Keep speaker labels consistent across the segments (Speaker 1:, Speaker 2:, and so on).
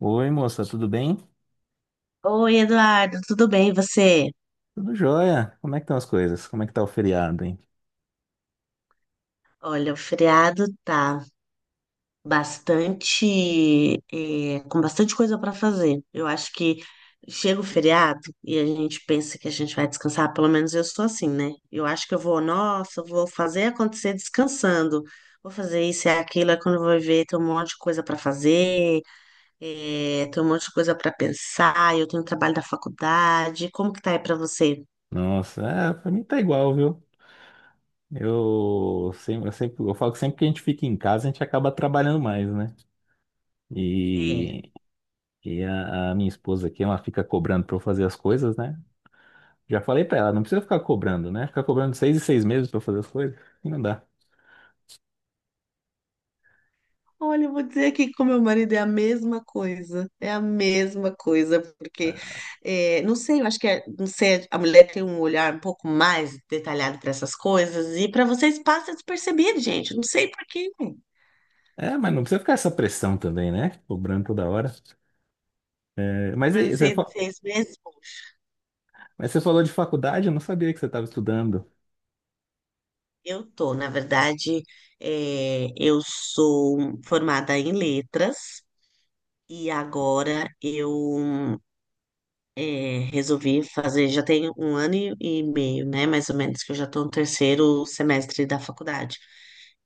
Speaker 1: Oi, moça, tudo bem?
Speaker 2: Oi, Eduardo, tudo bem, e você?
Speaker 1: Tudo jóia. Como é que estão as coisas? Como é que tá o feriado, hein?
Speaker 2: Olha, o feriado tá com bastante coisa para fazer. Eu acho que chega o feriado e a gente pensa que a gente vai descansar, pelo menos eu sou assim, né? Eu acho que nossa, eu vou fazer acontecer descansando. Vou fazer isso e aquilo, é quando eu vou ver, tem um monte de coisa para fazer, tem um monte de coisa para pensar, eu tenho trabalho da faculdade. Como que tá aí para você?
Speaker 1: Nossa, é, pra mim tá igual, viu? Eu sempre, eu falo que sempre que a gente fica em casa, a gente acaba trabalhando mais, né?
Speaker 2: É.
Speaker 1: E, e a minha esposa aqui, ela fica cobrando pra eu fazer as coisas, né? Já falei pra ela, não precisa ficar cobrando, né? Ficar cobrando seis e seis meses pra eu fazer as coisas, assim não dá.
Speaker 2: Olha, eu vou dizer aqui que com meu marido é a mesma coisa, é a mesma coisa, porque, não sei, eu acho não sei, a mulher tem um olhar um pouco mais detalhado para essas coisas, e para vocês passa despercebido, gente, não sei por quê.
Speaker 1: É, mas não precisa ficar essa pressão também, né? Cobrando toda hora. É, mas,
Speaker 2: Durante
Speaker 1: e- você,
Speaker 2: seis,
Speaker 1: fa-
Speaker 2: seis meses,
Speaker 1: mas você falou de faculdade, eu não sabia que você estava estudando.
Speaker 2: eu tô, na verdade, eu sou formada em letras, e agora eu resolvi fazer, já tem um ano e meio, né, mais ou menos, que eu já estou no terceiro semestre da faculdade.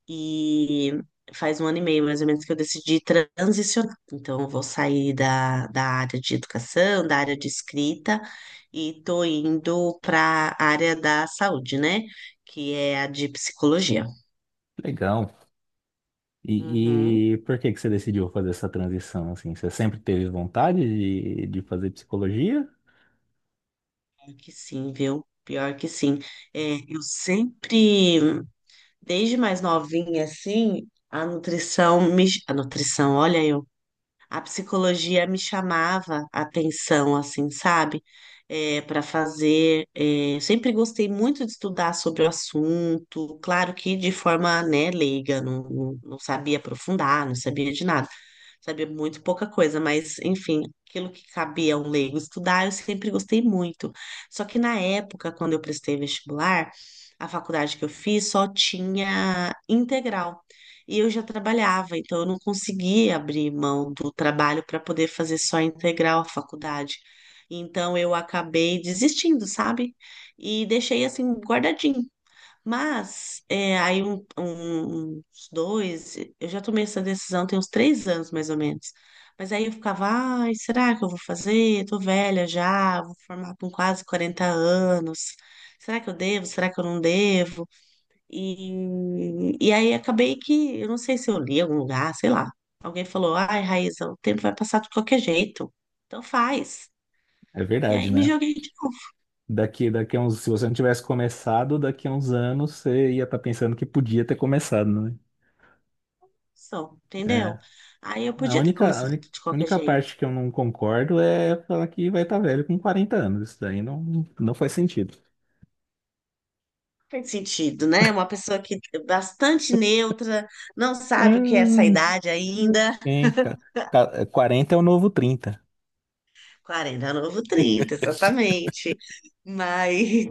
Speaker 2: E faz um ano e meio, mais ou menos, que eu decidi transicionar. Então, eu vou sair da área de educação, da área de escrita, e estou indo para a área da saúde, né, que é a de psicologia.
Speaker 1: Legal.
Speaker 2: Uhum,
Speaker 1: E por que que você decidiu fazer essa transição, assim? Você sempre teve vontade de fazer psicologia?
Speaker 2: pior que sim, viu? Pior que sim. É, eu sempre. Desde mais novinha, assim, a nutrição me... A nutrição, olha, eu a psicologia me chamava a atenção, assim, sabe? É, para fazer. Sempre gostei muito de estudar sobre o assunto, claro que de forma, né, leiga, não, não, não sabia aprofundar, não sabia de nada, sabia muito pouca coisa, mas, enfim, aquilo que cabia a um leigo estudar, eu sempre gostei muito. Só que na época, quando eu prestei vestibular, a faculdade que eu fiz só tinha integral. E eu já trabalhava, então eu não conseguia abrir mão do trabalho para poder fazer só integral a faculdade. Então eu acabei desistindo, sabe? E deixei assim guardadinho. Mas aí eu já tomei essa decisão tem uns 3 anos, mais ou menos. Mas aí eu ficava, ai, será que eu vou fazer? Eu tô velha já, vou formar com quase 40 anos. Será que eu devo? Será que eu não devo? E aí acabei que, eu não sei se eu li em algum lugar, sei lá. Alguém falou, ai, Raíssa, o tempo vai passar de qualquer jeito. Então faz.
Speaker 1: É
Speaker 2: E
Speaker 1: verdade,
Speaker 2: aí me
Speaker 1: né?
Speaker 2: joguei de novo,
Speaker 1: Se você não tivesse começado, daqui a uns anos você ia estar pensando que podia ter começado, né?
Speaker 2: só,
Speaker 1: É.
Speaker 2: entendeu? Aí eu
Speaker 1: A
Speaker 2: podia ter
Speaker 1: única, a
Speaker 2: começado
Speaker 1: única,
Speaker 2: de
Speaker 1: a
Speaker 2: qualquer
Speaker 1: única
Speaker 2: jeito.
Speaker 1: parte que eu não concordo é falar que vai estar velho com 40 anos. Isso daí não, não faz sentido.
Speaker 2: Faz sentido, né? Uma pessoa que é bastante neutra não sabe o que é essa
Speaker 1: Hum.
Speaker 2: idade ainda.
Speaker 1: Hein, ca- 40 é o novo 30.
Speaker 2: 40 é o novo 30, exatamente. Mas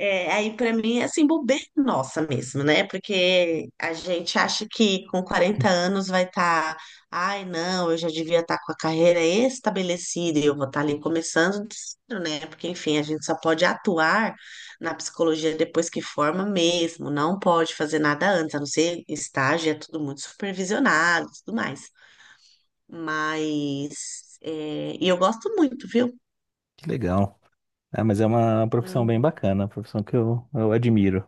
Speaker 2: Aí para mim é assim, bobeira nossa mesmo, né? Porque a gente acha que com 40 anos vai estar, ai, não, eu já devia estar com a carreira estabelecida e eu vou estar ali começando do zero, né? Porque, enfim, a gente só pode atuar na psicologia depois que forma mesmo, não pode fazer nada antes, a não ser estágio, é tudo muito supervisionado e tudo mais. Mas, e eu gosto muito, viu?
Speaker 1: Que legal. Ah, mas é uma profissão
Speaker 2: Hum,
Speaker 1: bem bacana, uma profissão que eu admiro.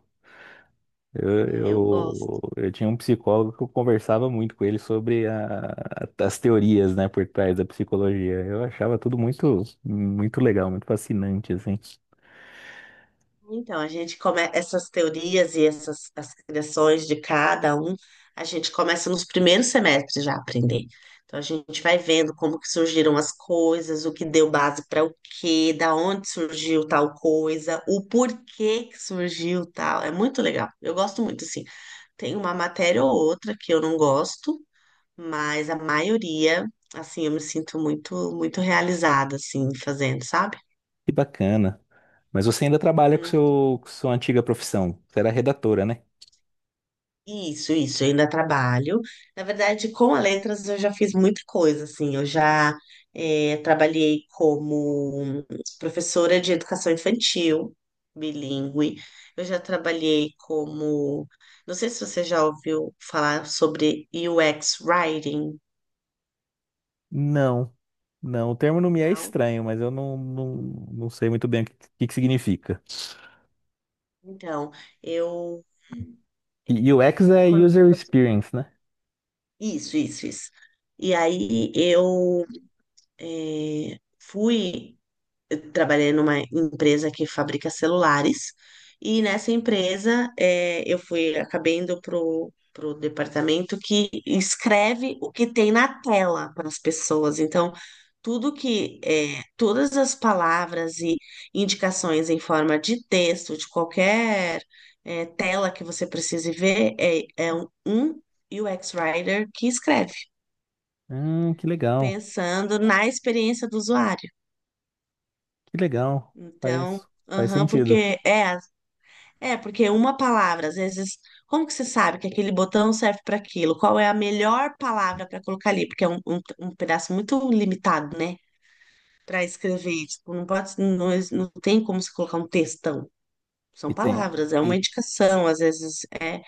Speaker 1: Eu,
Speaker 2: é, eu
Speaker 1: eu,
Speaker 2: gosto.
Speaker 1: eu tinha um psicólogo que eu conversava muito com ele sobre as teorias, né, por trás da psicologia. Eu achava tudo muito, muito legal, muito fascinante, assim.
Speaker 2: Então, a gente começa essas teorias e essas as criações de cada um, a gente começa nos primeiros semestres já a aprender. Então, a gente vai vendo como que surgiram as coisas, o que deu base para o quê, da onde surgiu tal coisa, o porquê que surgiu tal. É muito legal. Eu gosto muito, assim. Tem uma matéria ou outra que eu não gosto, mas a maioria, assim, eu me sinto muito, muito realizada, assim, fazendo, sabe?
Speaker 1: Que bacana. Mas você ainda trabalha com seu, com sua antiga profissão. Você era redatora, né?
Speaker 2: Isso, eu ainda trabalho. Na verdade, com a Letras eu já fiz muita coisa, assim, eu já trabalhei como professora de educação infantil, bilíngue. Eu já trabalhei como, não sei se você já ouviu falar sobre UX Writing,
Speaker 1: Não, não. O termo não me é
Speaker 2: não?
Speaker 1: estranho, mas eu não sei muito bem que significa.
Speaker 2: Então, eu...
Speaker 1: E UX é
Speaker 2: quando-
Speaker 1: User Experience, né?
Speaker 2: Isso, isso, isso. E aí eu eh, fui eu trabalhei numa empresa que fabrica celulares e nessa empresa, eu fui acabei indo pro departamento que escreve o que tem na tela para as pessoas. Então, todas as palavras e indicações em forma de texto de qualquer tela que você precise ver é um UX Writer que escreve,
Speaker 1: Que legal,
Speaker 2: pensando na experiência do usuário.
Speaker 1: que legal.
Speaker 2: Então,
Speaker 1: Faz, faz
Speaker 2: aham,
Speaker 1: sentido.
Speaker 2: porque é É, porque uma palavra, às vezes, como que você sabe que aquele botão serve para aquilo? Qual é a melhor palavra para colocar ali? Porque é um pedaço muito limitado, né? Para escrever. Tipo, não pode, não, não tem como se colocar um textão. São
Speaker 1: E tem.
Speaker 2: palavras, é uma
Speaker 1: E
Speaker 2: indicação, às vezes é.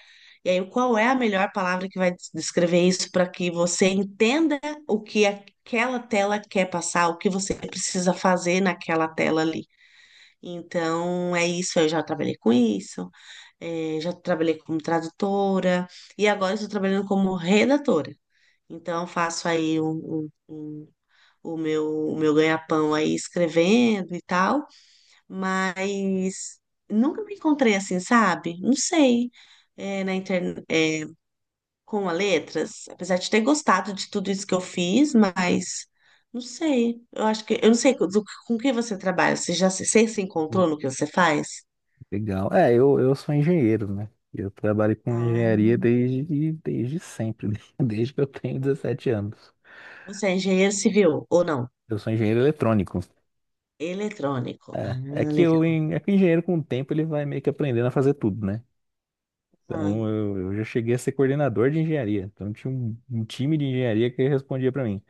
Speaker 2: E aí, qual é a melhor palavra que vai descrever isso para que você entenda o que aquela tela quer passar, o que você precisa fazer naquela tela ali? Então, é isso, eu já trabalhei com isso, já trabalhei como tradutora e agora estou trabalhando como redatora. Então, faço aí o meu ganha-pão aí escrevendo e tal, mas nunca me encontrei assim, sabe? Não sei, na internet, com a letras, apesar de ter gostado de tudo isso que eu fiz, mas não sei, eu não sei com que você trabalha, você se encontrou no que você faz?
Speaker 1: legal. É, eu sou engenheiro, né? Eu trabalho com
Speaker 2: Ah,
Speaker 1: engenharia desde, desde sempre, desde que eu tenho 17 anos.
Speaker 2: você é engenheiro civil ou não?
Speaker 1: Eu sou engenheiro eletrônico.
Speaker 2: Eletrônico. Ah,
Speaker 1: É, é que
Speaker 2: legal.
Speaker 1: é que o engenheiro com o tempo ele vai meio que aprendendo a fazer tudo, né?
Speaker 2: Ah,
Speaker 1: Então eu já cheguei a ser coordenador de engenharia. Então tinha um time de engenharia que respondia para mim.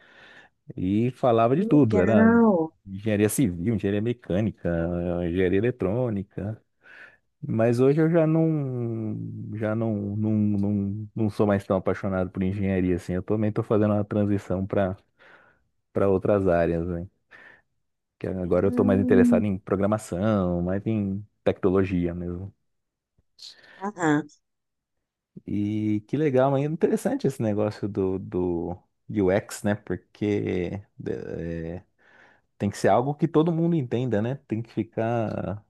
Speaker 1: E falava de tudo.
Speaker 2: que
Speaker 1: Era
Speaker 2: legal.
Speaker 1: engenharia civil, engenharia mecânica, engenharia eletrônica. Mas hoje eu já não sou mais tão apaixonado por engenharia assim. Eu também estou fazendo uma transição para outras áreas, né? Que agora eu estou mais
Speaker 2: Hum,
Speaker 1: interessado em programação, mais em tecnologia mesmo.
Speaker 2: Aham,
Speaker 1: E que legal, mas é interessante esse negócio do UX, né? Porque eh, tem que ser algo que todo mundo entenda, né? Tem que ficar,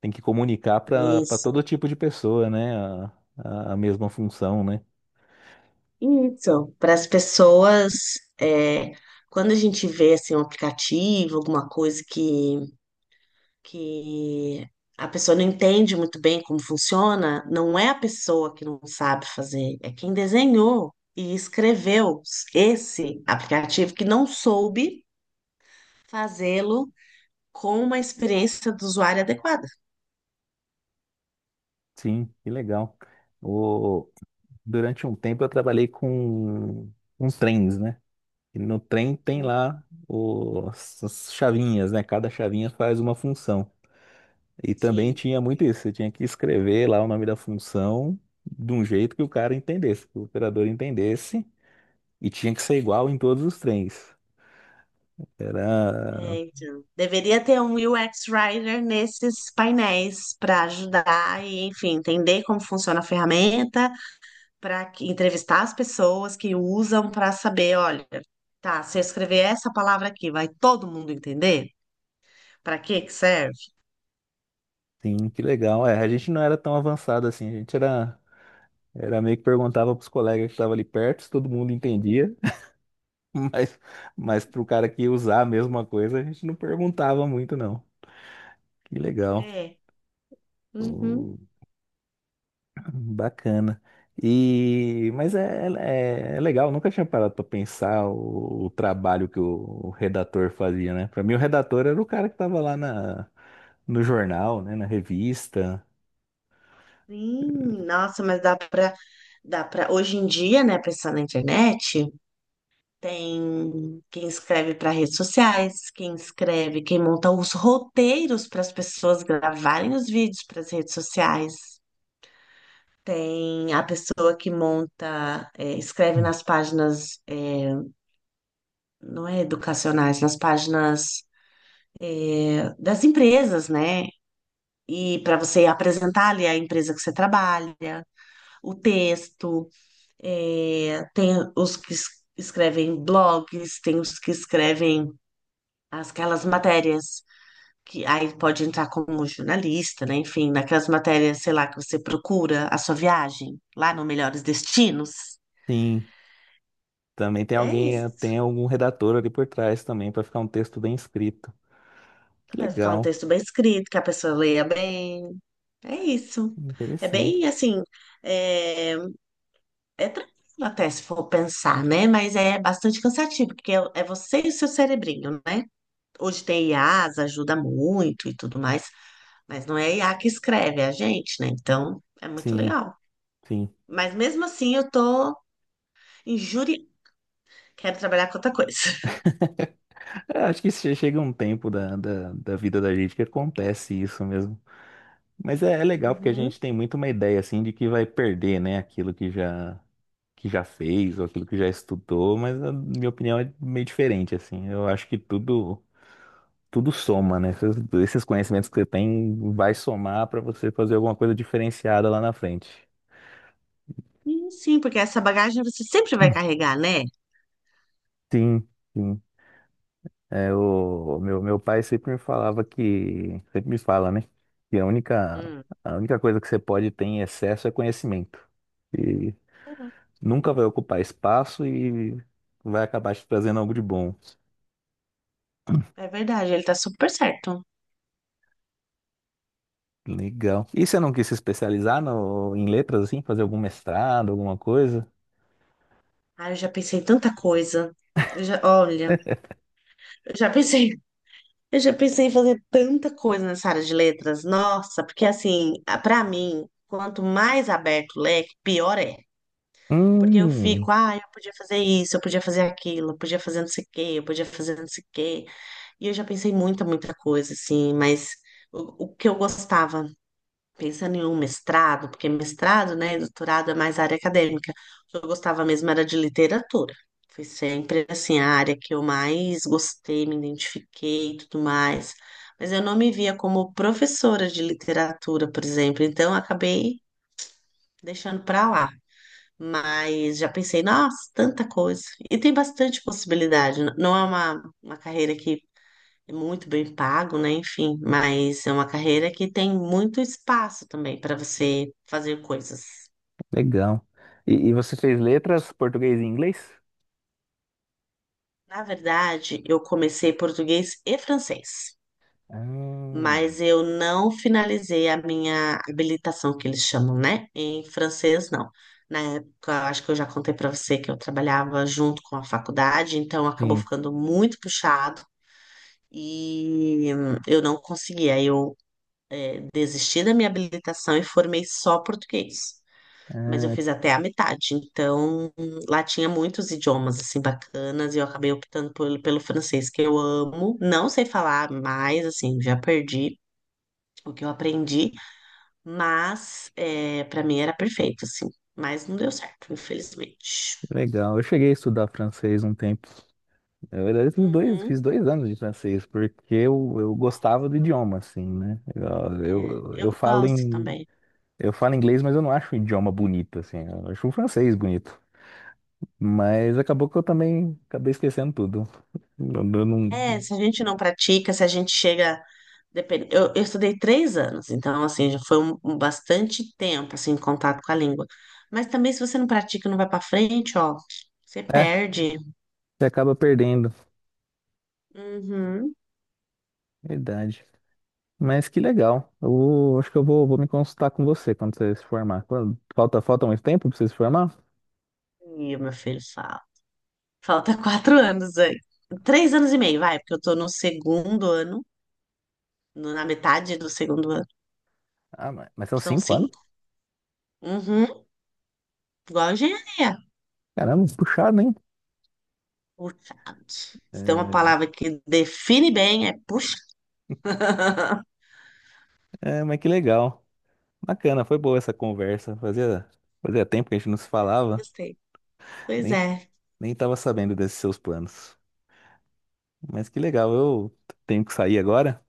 Speaker 1: tem que comunicar para
Speaker 2: isso.
Speaker 1: todo tipo de pessoa, né? A mesma função, né?
Speaker 2: Isso. Para as pessoas, é, quando a gente vê assim, um aplicativo, alguma coisa que a pessoa não entende muito bem como funciona, não é a pessoa que não sabe fazer, é quem desenhou e escreveu esse aplicativo que não soube fazê-lo com uma experiência do usuário adequada.
Speaker 1: Sim, que legal. O, durante um tempo eu trabalhei com trens, né? E no trem tem
Speaker 2: Hum,
Speaker 1: lá os, as chavinhas, né? Cada chavinha faz uma função. E também
Speaker 2: Sim,
Speaker 1: tinha muito isso, você tinha que escrever lá o nome da função de um jeito que o cara entendesse, que o operador entendesse, e tinha que ser igual em todos os trens. Era,
Speaker 2: é, então, deveria ter um UX Writer nesses painéis para ajudar e, enfim, entender como funciona a ferramenta, para entrevistar as pessoas que usam para saber, olha, tá, se eu escrever essa palavra aqui, vai todo mundo entender? Para que que serve?
Speaker 1: sim, que legal. É, a gente não era tão avançado assim, a gente era, era meio que perguntava pros colegas que estavam ali perto, se todo mundo entendia. Mas, mas pro cara que ia usar a mesma coisa, a gente não perguntava muito, não. Que legal.
Speaker 2: É, uhum.
Speaker 1: Hum. Bacana. E, mas é, é, é legal, nunca tinha parado para pensar o trabalho que o redator fazia, né? Para mim, o redator era o cara que estava lá na, no jornal, né? Na revista.
Speaker 2: Sim, nossa, mas dá para hoje em dia, né, pensando na internet, tem quem escreve para redes sociais, quem monta os roteiros para as pessoas gravarem os vídeos para as redes sociais. Tem a pessoa que escreve
Speaker 1: Hum.
Speaker 2: nas páginas, não é educacionais, nas páginas, das empresas, né? E para você apresentar ali a empresa que você trabalha, o texto, tem os que escrevem blogs, tem os que escrevem aquelas matérias que aí pode entrar como jornalista, né? Enfim, naquelas matérias, sei lá, que você procura a sua viagem lá no Melhores Destinos.
Speaker 1: Sim, também tem
Speaker 2: É
Speaker 1: alguém,
Speaker 2: isso.
Speaker 1: tem algum redator ali por trás também para ficar um texto bem escrito. Que
Speaker 2: Vai ficar um
Speaker 1: legal,
Speaker 2: texto bem escrito, que a pessoa leia bem. É isso. É
Speaker 1: interessante.
Speaker 2: bem assim, é, é, tranquilo até se for pensar, né? Mas é bastante cansativo, porque é você e o seu cerebrinho, né? Hoje tem IAs, ajuda muito e tudo mais, mas não é I a IA que escreve, é a gente, né? Então, é muito
Speaker 1: Sim,
Speaker 2: legal.
Speaker 1: sim.
Speaker 2: Mas mesmo assim, eu tô injúria. Quero trabalhar com outra coisa.
Speaker 1: É, acho que chega um tempo da, da vida da gente que acontece isso mesmo. Mas é, é legal porque a
Speaker 2: Uhum.
Speaker 1: gente tem muito uma ideia assim de que vai perder, né, aquilo que já fez ou aquilo que já estudou, mas na minha opinião é meio diferente assim. Eu acho que tudo soma, né? Esses conhecimentos que você tem vai somar para você fazer alguma coisa diferenciada lá na frente.
Speaker 2: Sim, porque essa bagagem você sempre vai carregar, né?
Speaker 1: Sim, sim. É, meu pai sempre me falava que, sempre me fala, né? Que
Speaker 2: Hum.
Speaker 1: a única coisa que você pode ter em excesso é conhecimento. E nunca vai ocupar espaço e vai acabar te trazendo algo de bom.
Speaker 2: É verdade, ele tá super certo.
Speaker 1: Legal. E você não quis se especializar no, em letras, assim? Fazer algum mestrado, alguma coisa?
Speaker 2: Ah, eu já pensei em tanta coisa. Olha, eu já pensei, eu já pensei em fazer tanta coisa nessa área de letras. Nossa, porque assim, pra mim, quanto mais aberto o leque, pior é. Porque eu
Speaker 1: Hum,
Speaker 2: fico, ah, eu podia fazer isso, eu podia fazer aquilo, eu podia fazer não sei o quê, eu podia fazer não sei o quê. E eu já pensei muita, muita coisa, assim, mas o que eu gostava, pensando em um mestrado, porque mestrado, né, e doutorado é mais área acadêmica, o que eu gostava mesmo era de literatura. Foi sempre, assim, a área que eu mais gostei, me identifiquei e tudo mais. Mas eu não me via como professora de literatura, por exemplo, então eu acabei deixando para lá. Mas já pensei, nossa, tanta coisa. E tem bastante possibilidade. Não é uma carreira que é muito bem pago, né? Enfim, mas é uma carreira que tem muito espaço também para você fazer coisas.
Speaker 1: legal. E você fez letras, português e inglês?
Speaker 2: Na verdade, eu comecei português e francês, mas
Speaker 1: Hum,
Speaker 2: eu não finalizei a minha habilitação, que eles chamam, né? Em francês, não. Na época, acho que eu já contei para você que eu trabalhava junto com a faculdade, então acabou
Speaker 1: sim.
Speaker 2: ficando muito puxado. E, eu não consegui. Aí eu desisti da minha habilitação e formei só português. Mas eu
Speaker 1: Ah,
Speaker 2: fiz até a metade. Então, lá tinha muitos idiomas assim bacanas e eu acabei optando pelo francês, que eu amo. Não sei falar mais, assim, já perdi o que eu aprendi, mas para mim era perfeito, assim. Mas não deu certo, infelizmente.
Speaker 1: que legal. Eu cheguei a estudar francês um tempo. Na verdade,
Speaker 2: Uhum.
Speaker 1: fiz dois anos de francês, porque eu gostava do idioma, assim, né? Eu,
Speaker 2: É,
Speaker 1: eu,
Speaker 2: eu
Speaker 1: eu falo
Speaker 2: gosto
Speaker 1: em,
Speaker 2: também.
Speaker 1: eu falo inglês, mas eu não acho o idioma bonito, assim. Eu acho o francês bonito. Mas acabou que eu também acabei esquecendo tudo. Eu, eu não,
Speaker 2: É, se a gente não pratica, se a gente chega. Depende. Eu estudei 3 anos, então, assim, já foi um bastante tempo, assim, em contato com a língua. Mas também, se você não pratica e não vai pra frente, ó, você
Speaker 1: é,
Speaker 2: perde.
Speaker 1: você acaba perdendo.
Speaker 2: Uhum.
Speaker 1: Verdade. Mas que legal. Acho que vou me consultar com você quando você se formar. Falta, falta muito tempo pra você se formar?
Speaker 2: E o meu filho fala. Falta 4 anos aí. 3 anos e meio, vai, porque eu tô no segundo ano, na metade do segundo ano.
Speaker 1: Ah, mas são
Speaker 2: São
Speaker 1: cinco anos?
Speaker 2: cinco. Uhum. Igual a engenharia.
Speaker 1: Caramba, puxado, hein?
Speaker 2: Puxado. Se tem uma
Speaker 1: É,
Speaker 2: palavra que define bem, é puxa.
Speaker 1: é, mas que legal. Bacana, foi boa essa conversa. Fazia, fazia tempo que a gente não se falava,
Speaker 2: Gostei. Pois
Speaker 1: nem,
Speaker 2: é.
Speaker 1: nem tava sabendo desses seus planos. Mas que legal, eu tenho que sair agora,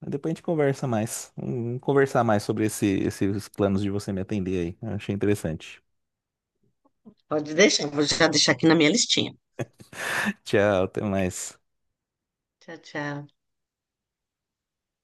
Speaker 1: mas depois a gente conversa mais. Vamos conversar mais sobre esses planos de você me atender aí. Eu achei interessante.
Speaker 2: Pode deixar, vou já deixar aqui na minha listinha.
Speaker 1: Tchau, até mais.
Speaker 2: Tchau, tchau.